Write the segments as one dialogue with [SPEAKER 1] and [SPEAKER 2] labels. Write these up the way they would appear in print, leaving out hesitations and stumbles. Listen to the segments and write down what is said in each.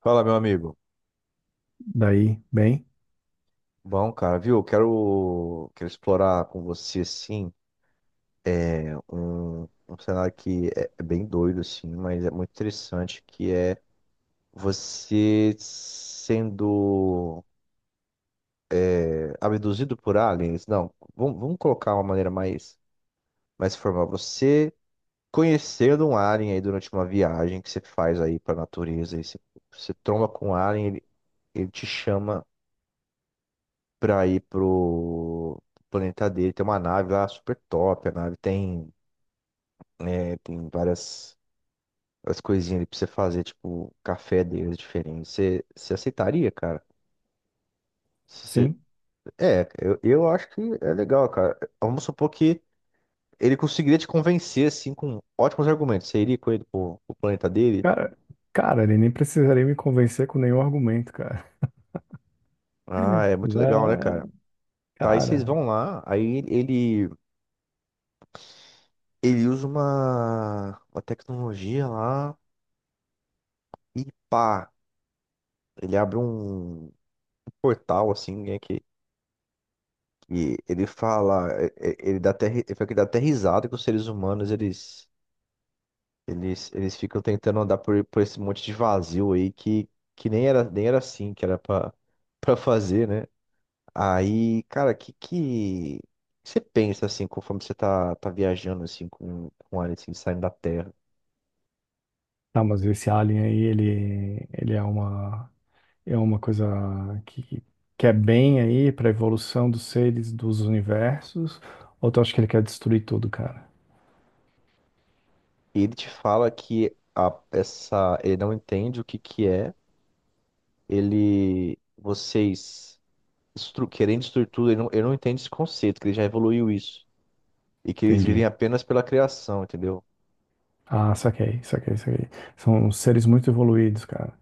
[SPEAKER 1] Fala, meu amigo.
[SPEAKER 2] Daí, bem,
[SPEAKER 1] Bom, cara, viu? Quero explorar com você, assim, um cenário que é bem doido, assim, mas é muito interessante, que é você sendo abduzido por aliens. Não, vamos colocar uma maneira mais formal. Você conhecendo um alien aí durante uma viagem que você faz aí pra natureza, e você tromba com um alien, ele te chama pra ir pro planeta dele. Tem uma nave lá super top. A nave tem, né, tem várias coisinhas ali pra você fazer, tipo, café deles diferente. Você aceitaria, cara? Se Você,
[SPEAKER 2] sim.
[SPEAKER 1] eu acho que é legal, cara. Vamos supor que ele conseguiria te convencer, assim, com ótimos argumentos. Você iria com ele pro planeta dele?
[SPEAKER 2] Cara, cara, ele nem precisaria me convencer com nenhum argumento, cara.
[SPEAKER 1] Ah, é muito legal, né, cara?
[SPEAKER 2] Vé,
[SPEAKER 1] Tá, aí vocês
[SPEAKER 2] cara,
[SPEAKER 1] vão lá, aí ele usa uma tecnologia lá e pá. Ele abre um portal, assim, né, que ele fala, ele dá até, ele fala que dá até risada que os seres humanos, eles, eles ficam tentando andar por esse monte de vazio aí que nem era, nem era assim que era pra, pra fazer, né? Aí, cara, que você pensa, assim, conforme você tá viajando, assim, com ele, assim, saindo da Terra?
[SPEAKER 2] tá, mas esse alien aí, ele é uma coisa que, que é bem aí pra evolução dos seres dos universos, ou tu acha que ele quer destruir tudo, cara?
[SPEAKER 1] E ele te fala que ele não entende o que que é, ele, vocês... querendo destruir tudo, eu não entendo esse conceito, que ele já evoluiu isso. E que eles vivem
[SPEAKER 2] Entendi.
[SPEAKER 1] apenas pela criação, entendeu?
[SPEAKER 2] Ah, saquei, saquei, saquei. São seres muito evoluídos, cara.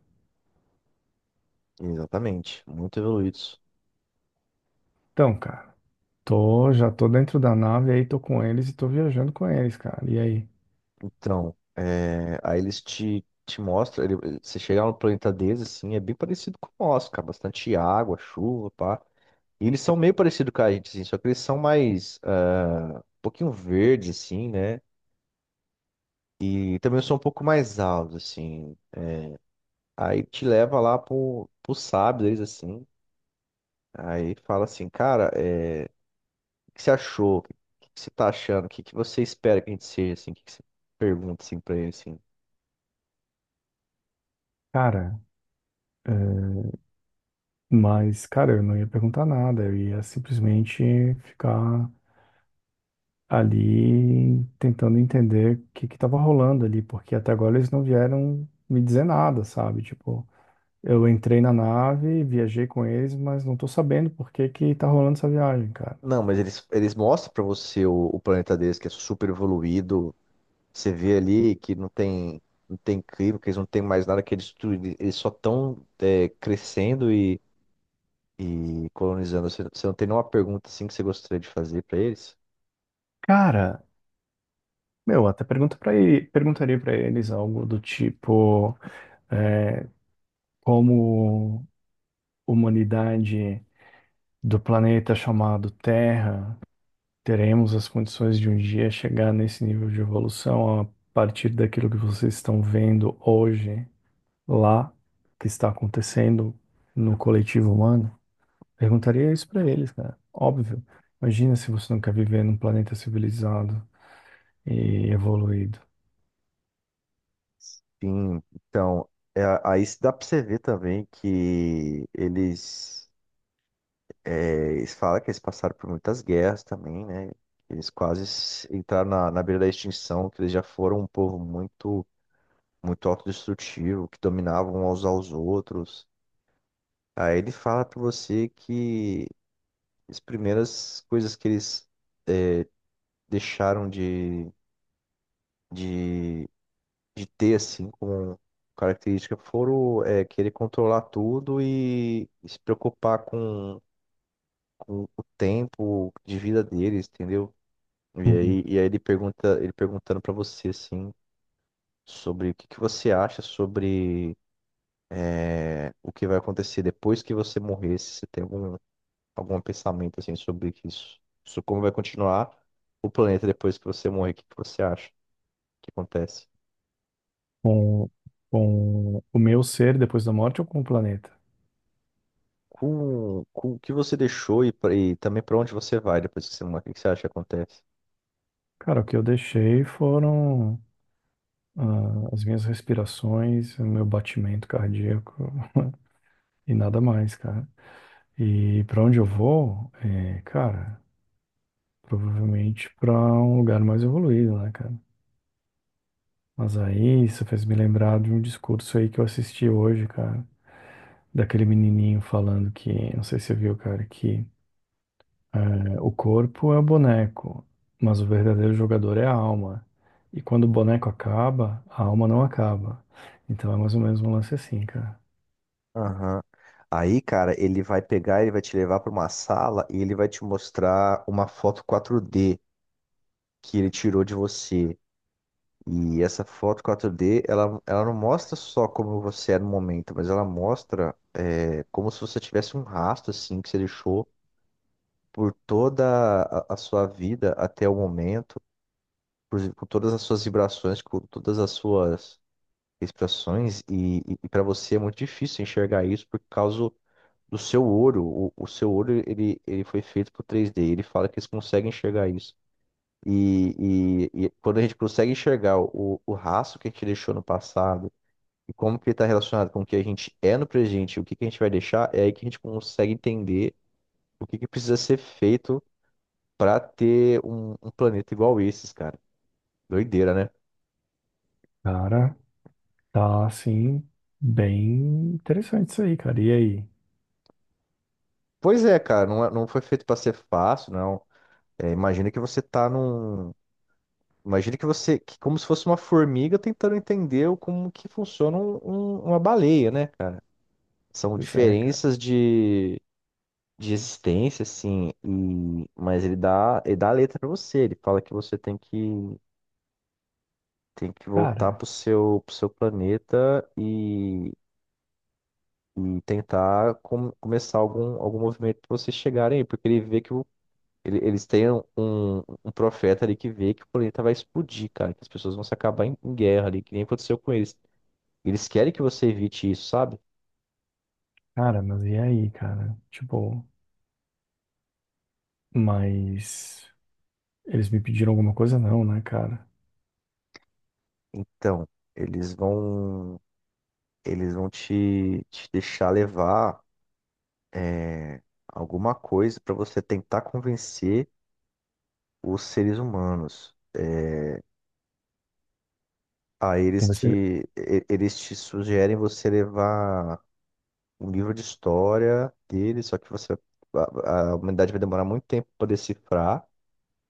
[SPEAKER 1] Exatamente, muito evoluídos.
[SPEAKER 2] Então, cara, tô, já tô dentro da nave aí, tô com eles e tô viajando com eles, cara. E aí?
[SPEAKER 1] Então, é, aí eles te mostram, você chegar no planeta deles, assim, é bem parecido com o nosso, cara, bastante água, chuva, pá. E eles são meio parecidos com a gente, assim, só que eles são mais, ah, um pouquinho verdes, assim, né? E também são um pouco mais altos, assim. Aí te leva lá pro sábio deles, assim. Aí fala assim, cara, é. Que você achou? O que que você tá achando? O que que você espera que a gente seja, assim? O que que você pergunta, assim, pra ele, assim?
[SPEAKER 2] Cara, eh, mas, cara, eu não ia perguntar nada, eu ia simplesmente ficar ali tentando entender o que que tava rolando ali, porque até agora eles não vieram me dizer nada, sabe? Tipo, eu entrei na nave, viajei com eles, mas não tô sabendo por que que tá rolando essa viagem, cara.
[SPEAKER 1] Não, mas eles mostram pra você o planeta deles, que é super evoluído. Você vê ali que não tem, não tem clima, que eles não têm mais nada que eles destruir. Eles só estão crescendo e colonizando. Você não tem nenhuma pergunta, assim, que você gostaria de fazer pra eles?
[SPEAKER 2] Cara, meu, até pergunta para perguntaria pra eles algo do tipo, é, como humanidade do planeta chamado Terra, teremos as condições de um dia chegar nesse nível de evolução a partir daquilo que vocês estão vendo hoje lá, que está acontecendo no coletivo humano? Perguntaria isso para eles, cara. Óbvio. Imagina se você não quer viver num planeta civilizado e evoluído.
[SPEAKER 1] Sim, então, é, aí dá pra você ver também que eles... É, eles falam que eles passaram por muitas guerras também, né? Eles quase entraram na beira da extinção, que eles já foram um povo muito autodestrutivo, que dominavam uns aos outros. Aí ele fala pra você que as primeiras coisas que eles deixaram de, de ter, assim, como característica, foram é, querer controlar tudo e se preocupar com o tempo de vida deles, entendeu?
[SPEAKER 2] Uhum.
[SPEAKER 1] E aí ele pergunta, ele perguntando pra você assim sobre o que que você acha sobre é, o que vai acontecer depois que você morrer, se você tem algum algum pensamento assim sobre isso, sobre como vai continuar o planeta depois que você morrer, o que que você acha que acontece?
[SPEAKER 2] Com, com o meu ser depois da morte ou com o planeta?
[SPEAKER 1] Com o que você deixou e também pra onde você vai depois que você morrer, o que que você acha que acontece?
[SPEAKER 2] Cara, o que eu deixei foram ah, as minhas respirações, o meu batimento cardíaco e nada mais, cara. E para onde eu vou, é, cara, provavelmente para um lugar mais evoluído, né, cara? Mas aí isso fez me lembrar de um discurso aí que eu assisti hoje, cara, daquele menininho falando que, não sei se você viu, cara, que é, o corpo é o boneco, mas o verdadeiro jogador é a alma. E quando o boneco acaba, a alma não acaba. Então é mais ou menos um lance assim, cara.
[SPEAKER 1] Aham. Aí, cara, ele vai te levar pra uma sala e ele vai te mostrar uma foto 4D que ele tirou de você. E essa foto 4D, ela não mostra só como você é no momento, mas ela mostra é, como se você tivesse um rastro, assim, que você deixou por toda a sua vida até o momento, por todas as suas vibrações, com todas as suas expressões, e, para você é muito difícil enxergar isso por causa do seu olho. O seu olho, ele foi feito pro 3D, ele fala que eles conseguem enxergar isso. E, e quando a gente consegue enxergar o rastro que a gente deixou no passado, e como que ele está relacionado com o que a gente é no presente e o que que a gente vai deixar, é aí que a gente consegue entender o que que precisa ser feito para ter um planeta igual esses, cara. Doideira, né?
[SPEAKER 2] Cara, tá assim, bem interessante isso aí, cara. E aí?
[SPEAKER 1] Pois é, cara, não, não foi feito para ser fácil, não. É, imagina que você tá num. Imagina que você. Que como se fosse uma formiga tentando entender como que funciona uma baleia, né? São
[SPEAKER 2] Pois é, cara.
[SPEAKER 1] diferenças de. De existência, assim, e... mas ele dá a letra para você. Ele fala que você tem que tem que voltar
[SPEAKER 2] Cara,
[SPEAKER 1] pro seu planeta e tentar começar algum movimento para vocês chegarem aí, porque ele vê que eles têm um profeta ali que vê que o planeta vai explodir, cara, que as pessoas vão se acabar em guerra ali, que nem aconteceu com eles. Eles querem que você evite isso, sabe?
[SPEAKER 2] Cara, mas e aí, cara? Tipo, mas eles me pediram alguma coisa? Não, né, cara?
[SPEAKER 1] Então, eles vão, eles vão te deixar levar é, alguma coisa para você tentar convencer os seres humanos. Aí
[SPEAKER 2] Você...
[SPEAKER 1] eles te sugerem você levar um livro de história dele, só que você, a humanidade vai demorar muito tempo para decifrar.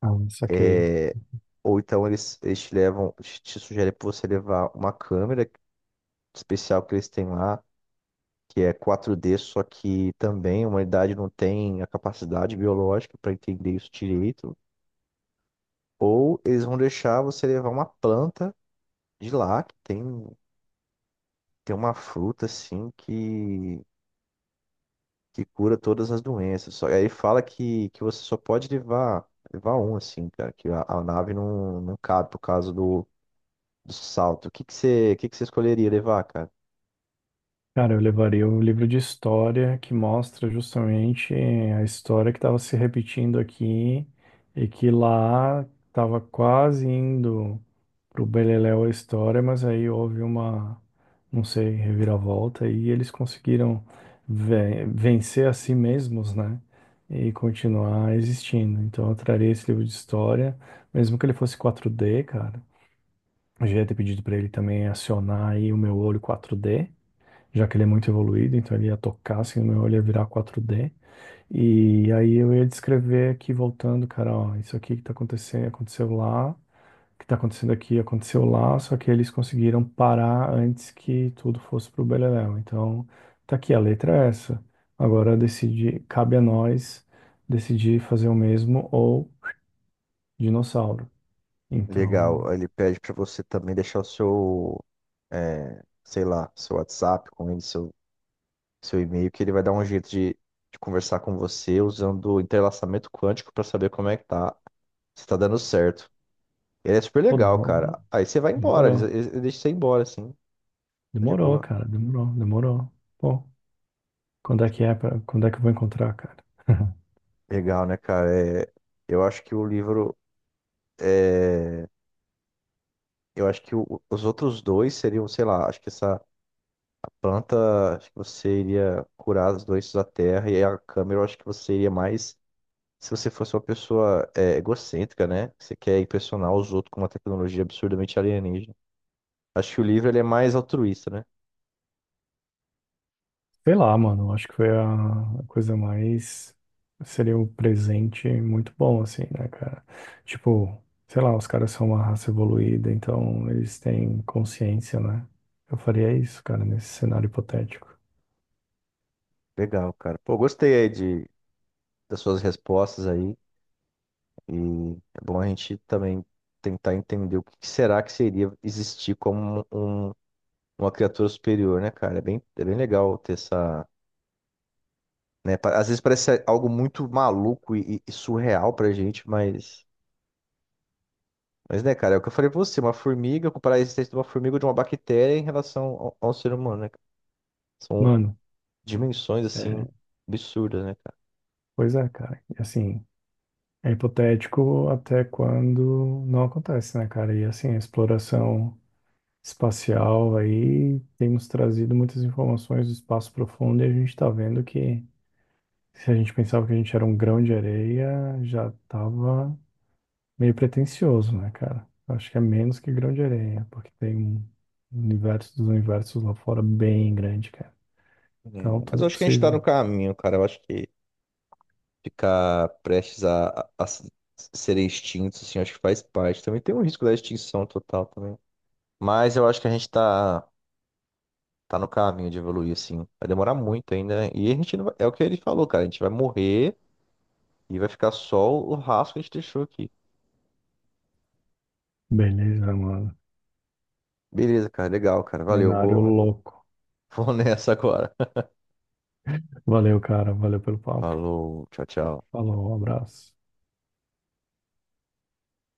[SPEAKER 2] Ah, saquei.
[SPEAKER 1] É, ou então eles te levam, te sugerem para você levar uma câmera especial que eles têm lá, que é quatro d só que também a humanidade não tem a capacidade biológica para entender isso direito. Ou eles vão deixar você levar uma planta de lá, que tem, tem uma fruta assim que cura todas as doenças. Só, aí fala que você só pode levar um, assim, cara, que a nave não cabe por causa do, do salto. O que que que você escolheria levar, cara?
[SPEAKER 2] Cara, eu levaria o livro de história que mostra justamente a história que estava se repetindo aqui e que lá estava quase indo pro Beleléu a história, mas aí houve uma, não sei, reviravolta e eles conseguiram vencer a si mesmos, né? E continuar existindo. Então eu traria esse livro de história, mesmo que ele fosse 4D, cara. Eu já ia ter pedido para ele também acionar aí o meu olho 4D, já que ele é muito evoluído, então ele ia tocar assim, o meu olho ia virar 4D. E aí eu ia descrever aqui voltando, cara, ó, isso aqui que tá acontecendo, aconteceu lá, que está acontecendo aqui aconteceu lá, só que eles conseguiram parar antes que tudo fosse para o beleléu. Então, tá aqui, a letra é essa. Agora decidi, cabe a nós decidir fazer o mesmo ou dinossauro.
[SPEAKER 1] Legal.
[SPEAKER 2] Então,
[SPEAKER 1] Aí Ele pede pra você também deixar o seu, é, sei lá, seu WhatsApp com ele, seu, seu e-mail, que ele vai dar um jeito de conversar com você usando o entrelaçamento quântico pra saber como é que tá, se tá dando certo. Ele é super
[SPEAKER 2] pô,
[SPEAKER 1] legal, cara.
[SPEAKER 2] demorou.
[SPEAKER 1] Aí você vai embora,
[SPEAKER 2] Demorou,
[SPEAKER 1] ele deixa você ir embora, assim. Tá de
[SPEAKER 2] demorou,
[SPEAKER 1] boa.
[SPEAKER 2] cara, demorou, demorou. Pô, quando é que é pra, quando é que eu vou encontrar, cara?
[SPEAKER 1] Legal, né, cara? É, eu acho que o livro. É, eu acho que os outros dois seriam, sei lá, acho que essa planta, acho que você iria curar as doenças da terra, e a câmera, eu acho que você iria mais. Se você fosse uma pessoa é, egocêntrica, né? Você quer impressionar os outros com uma tecnologia absurdamente alienígena. Acho que o livro ele é mais altruísta, né?
[SPEAKER 2] Sei lá, mano, acho que foi a coisa mais. Seria um presente muito bom, assim, né, cara? Tipo, sei lá, os caras são uma raça evoluída, então eles têm consciência, né? Eu faria isso, cara, nesse cenário hipotético.
[SPEAKER 1] Legal, cara. Pô, gostei aí de, das suas respostas aí. E é bom a gente também tentar entender o que que será que seria existir como um uma criatura superior, né, cara? É bem legal ter essa. Né? Às vezes parece algo muito maluco e, e surreal pra gente, mas. Mas, né, cara, é o que eu falei pra você, uma formiga, comparar a existência de uma formiga ou de uma bactéria em relação ao ser humano, né? cara? São
[SPEAKER 2] Mano,
[SPEAKER 1] dimensões, assim,
[SPEAKER 2] é,
[SPEAKER 1] absurdas, né, cara?
[SPEAKER 2] pois é, cara. E assim, é hipotético até quando não acontece, né, cara? E assim, a exploração espacial aí, temos trazido muitas informações do espaço profundo e a gente tá vendo que. Se a gente pensava que a gente era um grão de areia, já tava meio pretensioso, né, cara? Eu acho que é menos que grão de areia, porque tem um universo dos universos lá fora bem grande, cara.
[SPEAKER 1] É,
[SPEAKER 2] Então
[SPEAKER 1] mas
[SPEAKER 2] tudo
[SPEAKER 1] eu
[SPEAKER 2] é
[SPEAKER 1] acho que a gente tá no
[SPEAKER 2] possível.
[SPEAKER 1] caminho, cara. Eu acho que ficar prestes serem extintos, assim, eu acho que faz parte. Também tem um risco da extinção total também. Mas eu acho que a gente tá. tá no caminho de evoluir, assim. Vai demorar muito ainda, né? E a gente não vai... É o que ele falou, cara. A gente vai morrer e vai ficar só o rastro que a gente deixou aqui.
[SPEAKER 2] Beleza, mano.
[SPEAKER 1] Beleza, cara. Legal, cara. Valeu.
[SPEAKER 2] Cenário
[SPEAKER 1] Vou,
[SPEAKER 2] louco.
[SPEAKER 1] vou nessa agora.
[SPEAKER 2] Valeu, cara. Valeu pelo papo.
[SPEAKER 1] Falou. Tchau, tchau.
[SPEAKER 2] Falou, um abraço.